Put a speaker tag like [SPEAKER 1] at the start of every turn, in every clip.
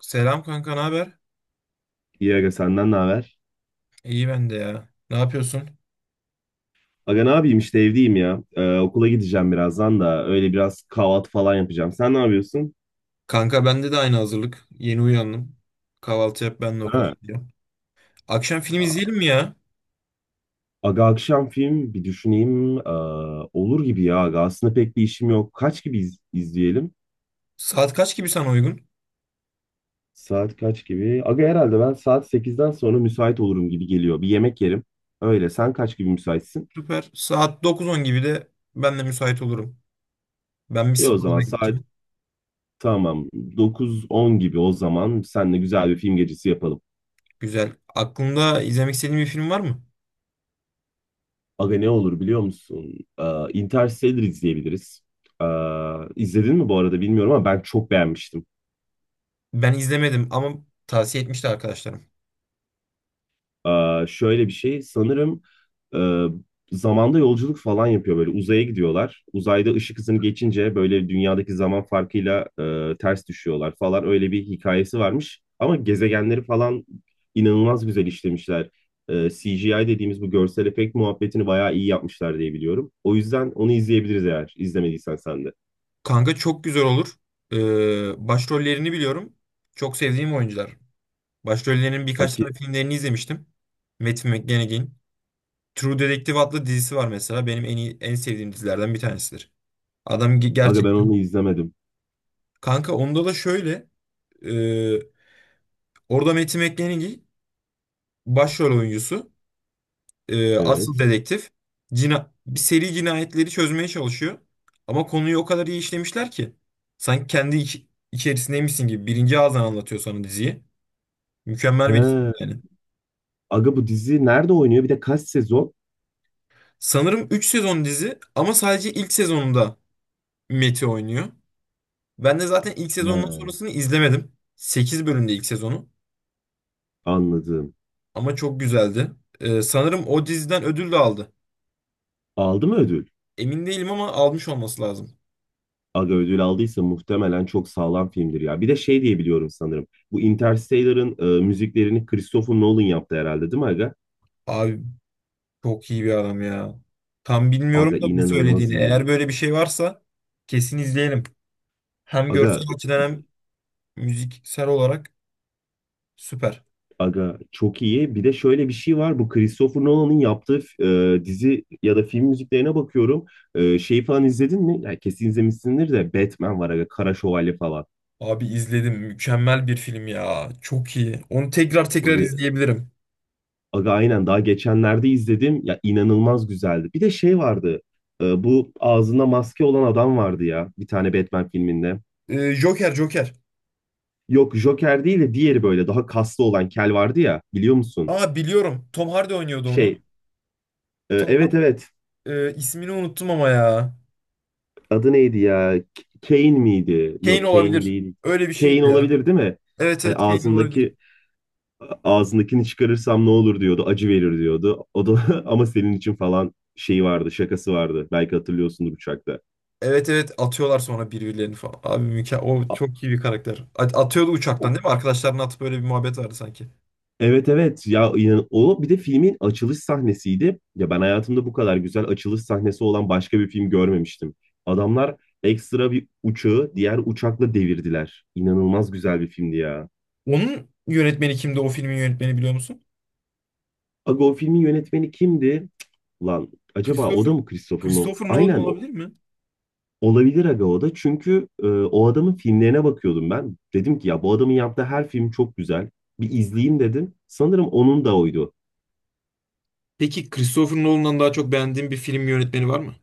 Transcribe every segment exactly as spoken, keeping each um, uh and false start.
[SPEAKER 1] Selam kanka, ne haber?
[SPEAKER 2] İyi aga senden ne haber?
[SPEAKER 1] İyi ben de ya. Ne yapıyorsun?
[SPEAKER 2] Aga ne yapayım işte evdeyim ya. Ee, okula gideceğim birazdan da öyle biraz kahvaltı falan yapacağım. Sen ne yapıyorsun?
[SPEAKER 1] Kanka bende de aynı hazırlık. Yeni uyandım. Kahvaltı yap ben de okula
[SPEAKER 2] Ha.
[SPEAKER 1] gidiyorum. Akşam film
[SPEAKER 2] Aa,
[SPEAKER 1] izleyelim mi ya?
[SPEAKER 2] Aga akşam film bir düşüneyim. Ee, olur gibi ya aga. Aslında pek bir işim yok. Kaç gibi iz- izleyelim?
[SPEAKER 1] Saat kaç gibi sana uygun?
[SPEAKER 2] Saat kaç gibi? Aga herhalde ben saat sekizden sonra müsait olurum gibi geliyor. Bir yemek yerim. Öyle sen kaç gibi müsaitsin?
[SPEAKER 1] Süper. Saat dokuz on gibi de ben de müsait olurum. Ben bir
[SPEAKER 2] İyi o zaman
[SPEAKER 1] spora
[SPEAKER 2] saat,
[SPEAKER 1] gideceğim.
[SPEAKER 2] tamam, dokuz on gibi o zaman seninle güzel bir film gecesi yapalım.
[SPEAKER 1] Güzel. Aklında izlemek istediğin bir film var mı?
[SPEAKER 2] Aga ne olur biliyor musun? Ee, Interstellar izleyebiliriz. Ee, izledin mi bu arada bilmiyorum ama ben çok beğenmiştim.
[SPEAKER 1] Ben izlemedim ama tavsiye etmişti arkadaşlarım.
[SPEAKER 2] Ee, şöyle bir şey sanırım e, zamanda yolculuk falan yapıyor böyle uzaya gidiyorlar. Uzayda ışık hızını geçince böyle dünyadaki zaman farkıyla e, ters düşüyorlar falan öyle bir hikayesi varmış. Ama gezegenleri falan inanılmaz güzel işlemişler. Ee, C G I dediğimiz bu görsel efekt muhabbetini bayağı iyi yapmışlar diye biliyorum. O yüzden onu izleyebiliriz eğer izlemediysen sen de.
[SPEAKER 1] Kanka çok güzel olur. Ee, başrollerini biliyorum. Çok sevdiğim oyuncular. Başrollerinin birkaç tane filmlerini izlemiştim. Matthew McConaughey'in. True Detective adlı dizisi var mesela. Benim en iyi, en sevdiğim dizilerden bir tanesidir. Adam ge-
[SPEAKER 2] Aga ben
[SPEAKER 1] gerçekten...
[SPEAKER 2] onu izlemedim.
[SPEAKER 1] Kanka onda da şöyle. e, orada Matthew McConaughey başrol oyuncusu. e, asıl
[SPEAKER 2] Evet.
[SPEAKER 1] dedektif. Cina bir seri cinayetleri çözmeye çalışıyor. Ama konuyu o kadar iyi işlemişler ki. Sanki kendi iç- içerisindeymişsin gibi. Birinci ağızdan anlatıyor sana diziyi. Mükemmel bir dizi
[SPEAKER 2] He.
[SPEAKER 1] yani.
[SPEAKER 2] Aga bu dizi nerede oynuyor? Bir de kaç sezon?
[SPEAKER 1] Sanırım üç sezon dizi ama sadece ilk sezonunda Meti oynuyor. Ben de zaten ilk sezondan
[SPEAKER 2] He.
[SPEAKER 1] sonrasını izlemedim. Sekiz bölümde ilk sezonu.
[SPEAKER 2] Anladım.
[SPEAKER 1] Ama çok güzeldi. Ee, sanırım o diziden ödül de aldı.
[SPEAKER 2] Aldı mı ödül?
[SPEAKER 1] Emin değilim ama almış olması lazım.
[SPEAKER 2] Aga ödül aldıysa muhtemelen çok sağlam filmdir ya. Bir de şey diye biliyorum sanırım. Bu Interstellar'ın e, müziklerini Christopher Nolan yaptı herhalde değil mi Aga?
[SPEAKER 1] Abi çok iyi bir adam ya. Tam
[SPEAKER 2] Aga
[SPEAKER 1] bilmiyorum da bu
[SPEAKER 2] inanılmaz
[SPEAKER 1] söylediğini.
[SPEAKER 2] iyi.
[SPEAKER 1] Eğer böyle bir şey varsa kesin izleyelim. Hem görsel
[SPEAKER 2] Aga
[SPEAKER 1] açıdan hem müziksel olarak süper.
[SPEAKER 2] Aga çok iyi. Bir de şöyle bir şey var. Bu Christopher Nolan'ın yaptığı e, dizi ya da film müziklerine bakıyorum. E, şeyi falan izledin mi? Yani kesin izlemişsindir de Batman var aga. Kara Şövalye falan.
[SPEAKER 1] Abi izledim. Mükemmel bir film ya. Çok iyi. Onu tekrar tekrar
[SPEAKER 2] Aga,
[SPEAKER 1] izleyebilirim.
[SPEAKER 2] aga aynen daha geçenlerde izledim. Ya inanılmaz güzeldi. Bir de şey vardı. E, bu ağzında maske olan adam vardı ya. Bir tane Batman filminde.
[SPEAKER 1] Ee, Joker, Joker.
[SPEAKER 2] Yok Joker değil de diğeri böyle daha kaslı olan kel vardı ya. Biliyor musun?
[SPEAKER 1] Aa biliyorum. Tom Hardy oynuyordu onu.
[SPEAKER 2] Şey, e,
[SPEAKER 1] Tom
[SPEAKER 2] evet evet.
[SPEAKER 1] Ee, ismini unuttum ama ya.
[SPEAKER 2] Adı neydi ya? K- Kane miydi?
[SPEAKER 1] Kane
[SPEAKER 2] Yok Kane
[SPEAKER 1] olabilir.
[SPEAKER 2] değil.
[SPEAKER 1] Öyle bir
[SPEAKER 2] Kane
[SPEAKER 1] şeydi ya.
[SPEAKER 2] olabilir değil mi?
[SPEAKER 1] Evet
[SPEAKER 2] Hani
[SPEAKER 1] evet Kane olabilir.
[SPEAKER 2] ağzındaki ağzındakini çıkarırsam ne olur diyordu. Acı verir diyordu. O da ama senin için falan şeyi vardı. Şakası vardı. Belki hatırlıyorsundur uçakta.
[SPEAKER 1] Evet evet atıyorlar sonra birbirlerini falan. Abi mükemmel. O çok iyi bir karakter. At- Atıyordu uçaktan değil mi? Arkadaşlarına atıp böyle bir muhabbet vardı sanki.
[SPEAKER 2] Evet evet ya inan- o bir de filmin açılış sahnesiydi. Ya ben hayatımda bu kadar güzel açılış sahnesi olan başka bir film görmemiştim. Adamlar ekstra bir uçağı diğer uçakla devirdiler. İnanılmaz güzel bir filmdi ya.
[SPEAKER 1] Onun yönetmeni kimdi? O filmin yönetmeni biliyor musun?
[SPEAKER 2] Aga o filmin yönetmeni kimdi? Cık, lan acaba o
[SPEAKER 1] Christopher.
[SPEAKER 2] da mı Christopher Nolan?
[SPEAKER 1] Christopher Nolan
[SPEAKER 2] Aynen o.
[SPEAKER 1] olabilir mi?
[SPEAKER 2] Olabilir aga o da. Çünkü e, o adamın filmlerine bakıyordum ben. Dedim ki ya bu adamın yaptığı her film çok güzel. Bir izleyeyim dedim. Sanırım onun da oydu.
[SPEAKER 1] Peki Christopher Nolan'dan daha çok beğendiğin bir film yönetmeni var mı?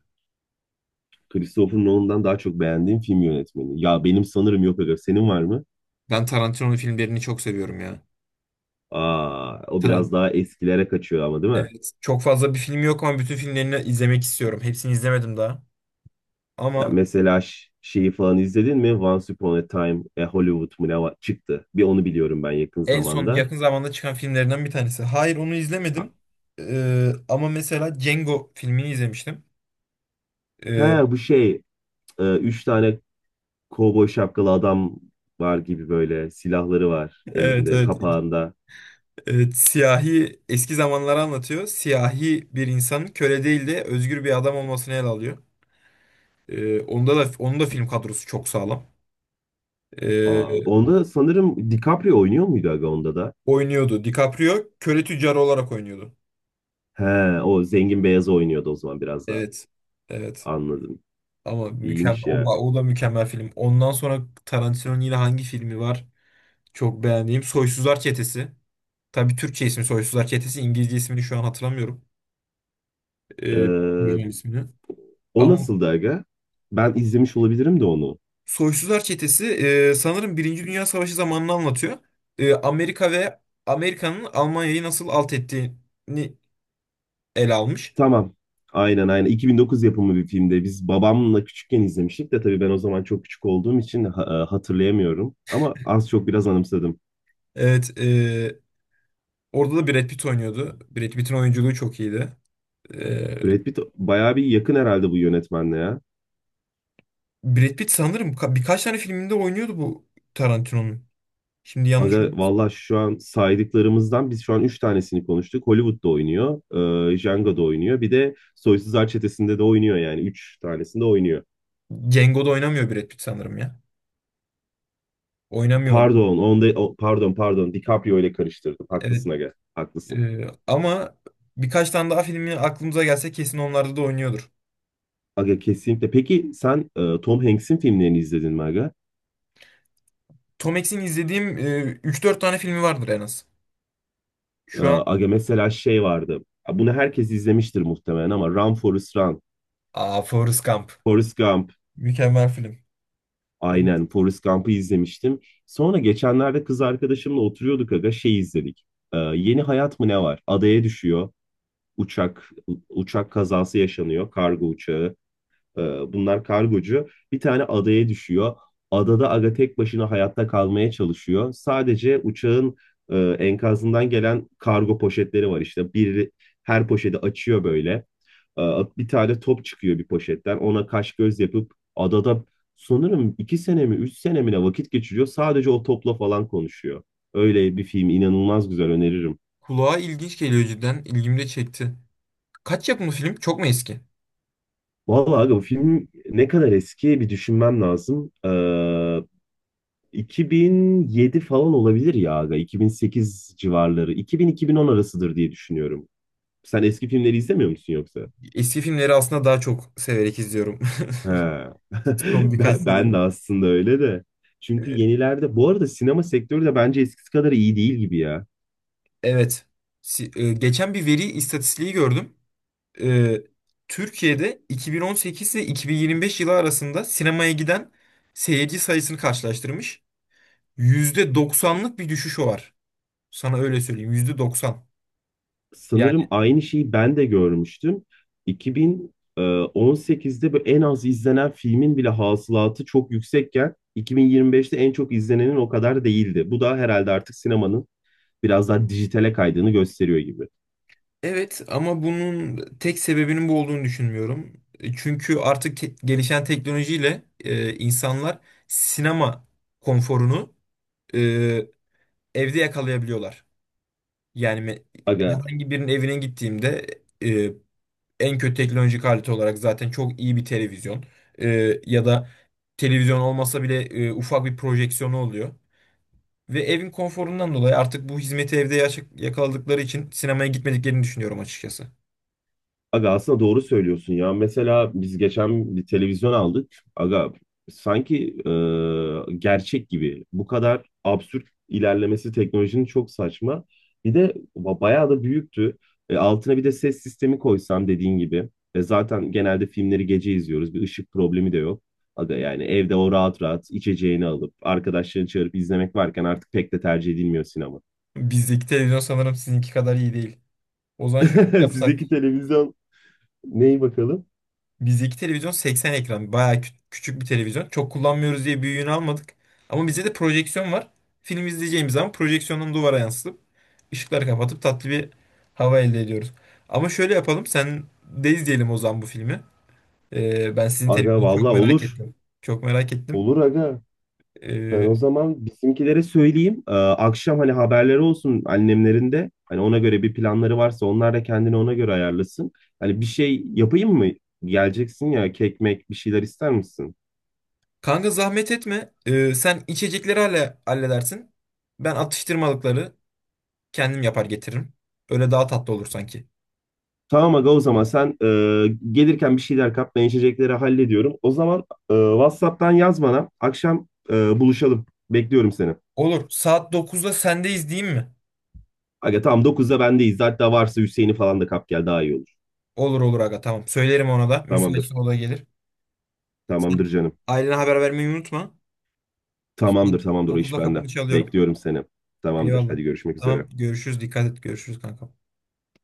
[SPEAKER 2] Christopher Nolan'dan daha çok beğendiğim film yönetmeni. Ya benim sanırım yok aga. Senin var mı?
[SPEAKER 1] Ben Tarantino'nun filmlerini çok seviyorum ya.
[SPEAKER 2] Aa, o biraz
[SPEAKER 1] Tarantino.
[SPEAKER 2] daha eskilere kaçıyor ama değil mi?
[SPEAKER 1] Evet. Çok fazla bir film yok ama bütün filmlerini izlemek istiyorum. Hepsini izlemedim daha.
[SPEAKER 2] Ya
[SPEAKER 1] Ama
[SPEAKER 2] mesela ş- şeyi falan izledin mi? Once Upon a Time e, Hollywood mu ne var? Çıktı. Bir onu biliyorum ben yakın
[SPEAKER 1] en son
[SPEAKER 2] zamanda.
[SPEAKER 1] yakın zamanda çıkan filmlerinden bir tanesi. Hayır onu
[SPEAKER 2] Ha,
[SPEAKER 1] izlemedim. Ee, ama mesela Django filmini izlemiştim.
[SPEAKER 2] he,
[SPEAKER 1] Ee,
[SPEAKER 2] bu şey, e, üç tane kovboy şapkalı adam var gibi böyle silahları var
[SPEAKER 1] evet,
[SPEAKER 2] elinde
[SPEAKER 1] evet
[SPEAKER 2] kapağında.
[SPEAKER 1] evet siyahi eski zamanları anlatıyor. Siyahi bir insanın köle değil de özgür bir adam olmasını ele alıyor. Ee, onda da onun da film kadrosu çok sağlam.
[SPEAKER 2] Aa,
[SPEAKER 1] Ee,
[SPEAKER 2] onda sanırım DiCaprio oynuyor muydu aga onda da?
[SPEAKER 1] oynuyordu. DiCaprio köle tüccarı olarak oynuyordu.
[SPEAKER 2] He, o zengin beyazı oynuyordu o zaman biraz daha.
[SPEAKER 1] Evet. Evet.
[SPEAKER 2] Anladım.
[SPEAKER 1] Ama mükemmel
[SPEAKER 2] İyiymiş
[SPEAKER 1] o, da-
[SPEAKER 2] ya.
[SPEAKER 1] o da mükemmel film. Ondan sonra Tarantino'nun yine hangi filmi var? Çok beğendiğim Soysuzlar Çetesi. Tabii Türkçe ismi Soysuzlar Çetesi. İngilizce ismini şu an hatırlamıyorum. Ee,
[SPEAKER 2] Ee,
[SPEAKER 1] İngilizce ismini.
[SPEAKER 2] O
[SPEAKER 1] Ama
[SPEAKER 2] nasıldı aga? Ben izlemiş olabilirim de onu.
[SPEAKER 1] Soysuzlar Çetesi e, sanırım Birinci Dünya Savaşı zamanını anlatıyor. E, Amerika ve Amerika'nın Almanya'yı nasıl alt ettiğini ele almış.
[SPEAKER 2] Tamam. Aynen aynen. iki bin dokuz yapımı bir filmde. Biz babamla küçükken izlemiştik de tabii ben o zaman çok küçük olduğum için ha- e, hatırlayamıyorum. Ama az çok biraz anımsadım.
[SPEAKER 1] Evet. e, orada da Brad Pitt oynuyordu. Brad Pitt'in oyunculuğu çok iyiydi. E,
[SPEAKER 2] Brad Pitt bayağı bir yakın herhalde bu yönetmenle ya.
[SPEAKER 1] Brad Pitt sanırım ka- birkaç tane filminde oynuyordu bu Tarantino'nun. Şimdi yanlış
[SPEAKER 2] Aga
[SPEAKER 1] olmasın.
[SPEAKER 2] valla şu an saydıklarımızdan biz şu an üç tanesini konuştuk. Hollywood'da oynuyor. E, Django'da oynuyor. Bir de Soysuzlar Çetesi'nde de oynuyor yani. Üç tanesinde oynuyor.
[SPEAKER 1] Django'da oynamıyor Brad Pitt sanırım ya. Oynamıyor.
[SPEAKER 2] Pardon, onda o- pardon, pardon DiCaprio ile karıştırdım.
[SPEAKER 1] Evet.
[SPEAKER 2] Haklısın aga. Haklısın.
[SPEAKER 1] Ee, ama birkaç tane daha filmi aklımıza gelse kesin onlarda da oynuyordur.
[SPEAKER 2] Aga kesinlikle. Peki sen e, Tom Hanks'in filmlerini izledin mi aga?
[SPEAKER 1] Tom Hanks'in izlediğim e, üç dört tane filmi vardır en az.
[SPEAKER 2] E,
[SPEAKER 1] Şu an
[SPEAKER 2] aga mesela şey vardı. Ha, Bunu herkes izlemiştir muhtemelen ama Run Forrest Run,
[SPEAKER 1] Aa, Forrest Gump.
[SPEAKER 2] Forrest Gump.
[SPEAKER 1] Mükemmel film. O
[SPEAKER 2] Aynen Forrest Gump'ı izlemiştim. Sonra geçenlerde kız arkadaşımla oturuyorduk aga şey izledik. E, Yeni Hayat mı ne var? Adaya düşüyor. Uçak uçak kazası yaşanıyor. Kargo uçağı. Ee, Bunlar kargocu. Bir tane adaya düşüyor. Adada aga tek başına hayatta kalmaya çalışıyor. Sadece uçağın e, enkazından gelen kargo poşetleri var işte. Bir her poşeti açıyor böyle. Ee, Bir tane top çıkıyor bir poşetten. Ona kaş göz yapıp adada sanırım iki sene mi üç sene mi ne vakit geçiriyor. Sadece o topla falan konuşuyor. Öyle bir film inanılmaz güzel öneririm.
[SPEAKER 1] kulağa ilginç geliyor cidden. İlgimi de çekti. Kaç yapımı film? Çok mu eski?
[SPEAKER 2] Vallahi aga bu film ne kadar eski bir düşünmem lazım. Ee, iki bin yedi falan olabilir ya aga. iki bin sekiz civarları. iki bin-iki bin on arasıdır diye düşünüyorum. Sen eski filmleri izlemiyor musun yoksa?
[SPEAKER 1] Eski filmleri aslında daha çok severek izliyorum.
[SPEAKER 2] He.
[SPEAKER 1] Son birkaç
[SPEAKER 2] Ben, ben
[SPEAKER 1] senedir.
[SPEAKER 2] de aslında öyle de. Çünkü
[SPEAKER 1] Ee,
[SPEAKER 2] yenilerde bu arada sinema sektörü de bence eskisi kadar iyi değil gibi ya.
[SPEAKER 1] evet. Si- e, geçen bir veri istatistiği gördüm. e, Türkiye'de iki bin on sekiz ile iki bin yirmi beş yılı arasında sinemaya giden seyirci sayısını karşılaştırmış. Yüzde doksanlık bir düşüş var. Sana öyle söyleyeyim. Yüzde doksan.
[SPEAKER 2] Sanırım
[SPEAKER 1] Yani
[SPEAKER 2] aynı şeyi ben de görmüştüm. iki bin on sekizde böyle en az izlenen filmin bile hasılatı çok yüksekken iki bin yirmi beşte en çok izlenenin o kadar değildi. Bu da herhalde artık sinemanın biraz daha dijitale kaydığını gösteriyor gibi.
[SPEAKER 1] evet ama bunun tek sebebinin bu olduğunu düşünmüyorum. E, çünkü artık te- gelişen teknolojiyle e, insanlar sinema konforunu e, evde yakalayabiliyorlar. Yani me-
[SPEAKER 2] Aga,
[SPEAKER 1] herhangi birinin evine gittiğimde e, en kötü teknolojik alet olarak zaten çok iyi bir televizyon, Ee, ya da televizyon olmasa bile e, ufak bir projeksiyonu oluyor. Ve evin konforundan dolayı artık bu hizmeti evde yaşa- yakaladıkları için sinemaya gitmediklerini düşünüyorum açıkçası.
[SPEAKER 2] aga aslında doğru söylüyorsun ya. Mesela biz geçen bir televizyon aldık. Aga sanki e, gerçek gibi. Bu kadar absürt ilerlemesi teknolojinin çok saçma. Bir de ba- bayağı da büyüktü. E, altına bir de ses sistemi koysan dediğin gibi. E, zaten genelde filmleri gece izliyoruz. Bir ışık problemi de yok. Aga yani evde o rahat rahat içeceğini alıp arkadaşlarını çağırıp izlemek varken artık pek de tercih edilmiyor sinema.
[SPEAKER 1] Bizdeki televizyon sanırım sizinki kadar iyi değil. O zaman şöyle yapsak.
[SPEAKER 2] Sizdeki televizyon. Neyi bakalım?
[SPEAKER 1] Bizdeki televizyon seksen ekran. Bayağı kü- küçük bir televizyon. Çok kullanmıyoruz diye büyüğünü almadık. Ama bizde de projeksiyon var. Film izleyeceğimiz zaman projeksiyonun duvara yansıtıp ışıkları kapatıp tatlı bir hava elde ediyoruz. Ama şöyle yapalım. Sen de izleyelim o zaman bu filmi. Ee, ben sizin
[SPEAKER 2] Aga
[SPEAKER 1] televizyonu çok
[SPEAKER 2] valla
[SPEAKER 1] merak
[SPEAKER 2] olur.
[SPEAKER 1] ettim. Çok merak ettim.
[SPEAKER 2] Olur aga. Ben
[SPEAKER 1] Ee,
[SPEAKER 2] o zaman bizimkilere söyleyeyim. Ee, akşam hani haberleri olsun annemlerin de. Hani ona göre bir planları varsa onlar da kendini ona göre ayarlasın. Hani bir şey yapayım mı? Geleceksin ya kek mek bir şeyler ister misin?
[SPEAKER 1] kanka zahmet etme. Ee, sen içecekleri halle halledersin. Ben atıştırmalıkları kendim yapar getiririm. Öyle daha tatlı olur sanki.
[SPEAKER 2] Tamam aga o zaman sen e, gelirken bir şeyler kap ben içecekleri hallediyorum. O zaman e, WhatsApp'tan yaz bana. Akşam e, buluşalım. Bekliyorum seni.
[SPEAKER 1] Olur. Saat dokuzda sendeyiz değil mi?
[SPEAKER 2] Aga tamam dokuzda bendeyiz. Hatta varsa Hüseyin'i falan da kap gel daha iyi olur.
[SPEAKER 1] Olur olur aga tamam. Söylerim ona da. Müsaitse
[SPEAKER 2] Tamamdır.
[SPEAKER 1] o da gelir. Sen
[SPEAKER 2] Tamamdır canım.
[SPEAKER 1] ailene haber vermeyi unutma. Saat
[SPEAKER 2] Tamamdır, tamamdır. O iş
[SPEAKER 1] dokuzda kapını
[SPEAKER 2] bende.
[SPEAKER 1] çalıyorum.
[SPEAKER 2] Bekliyorum seni. Tamamdır.
[SPEAKER 1] Eyvallah.
[SPEAKER 2] Hadi görüşmek üzere.
[SPEAKER 1] Tamam görüşürüz. Dikkat et. Görüşürüz kanka.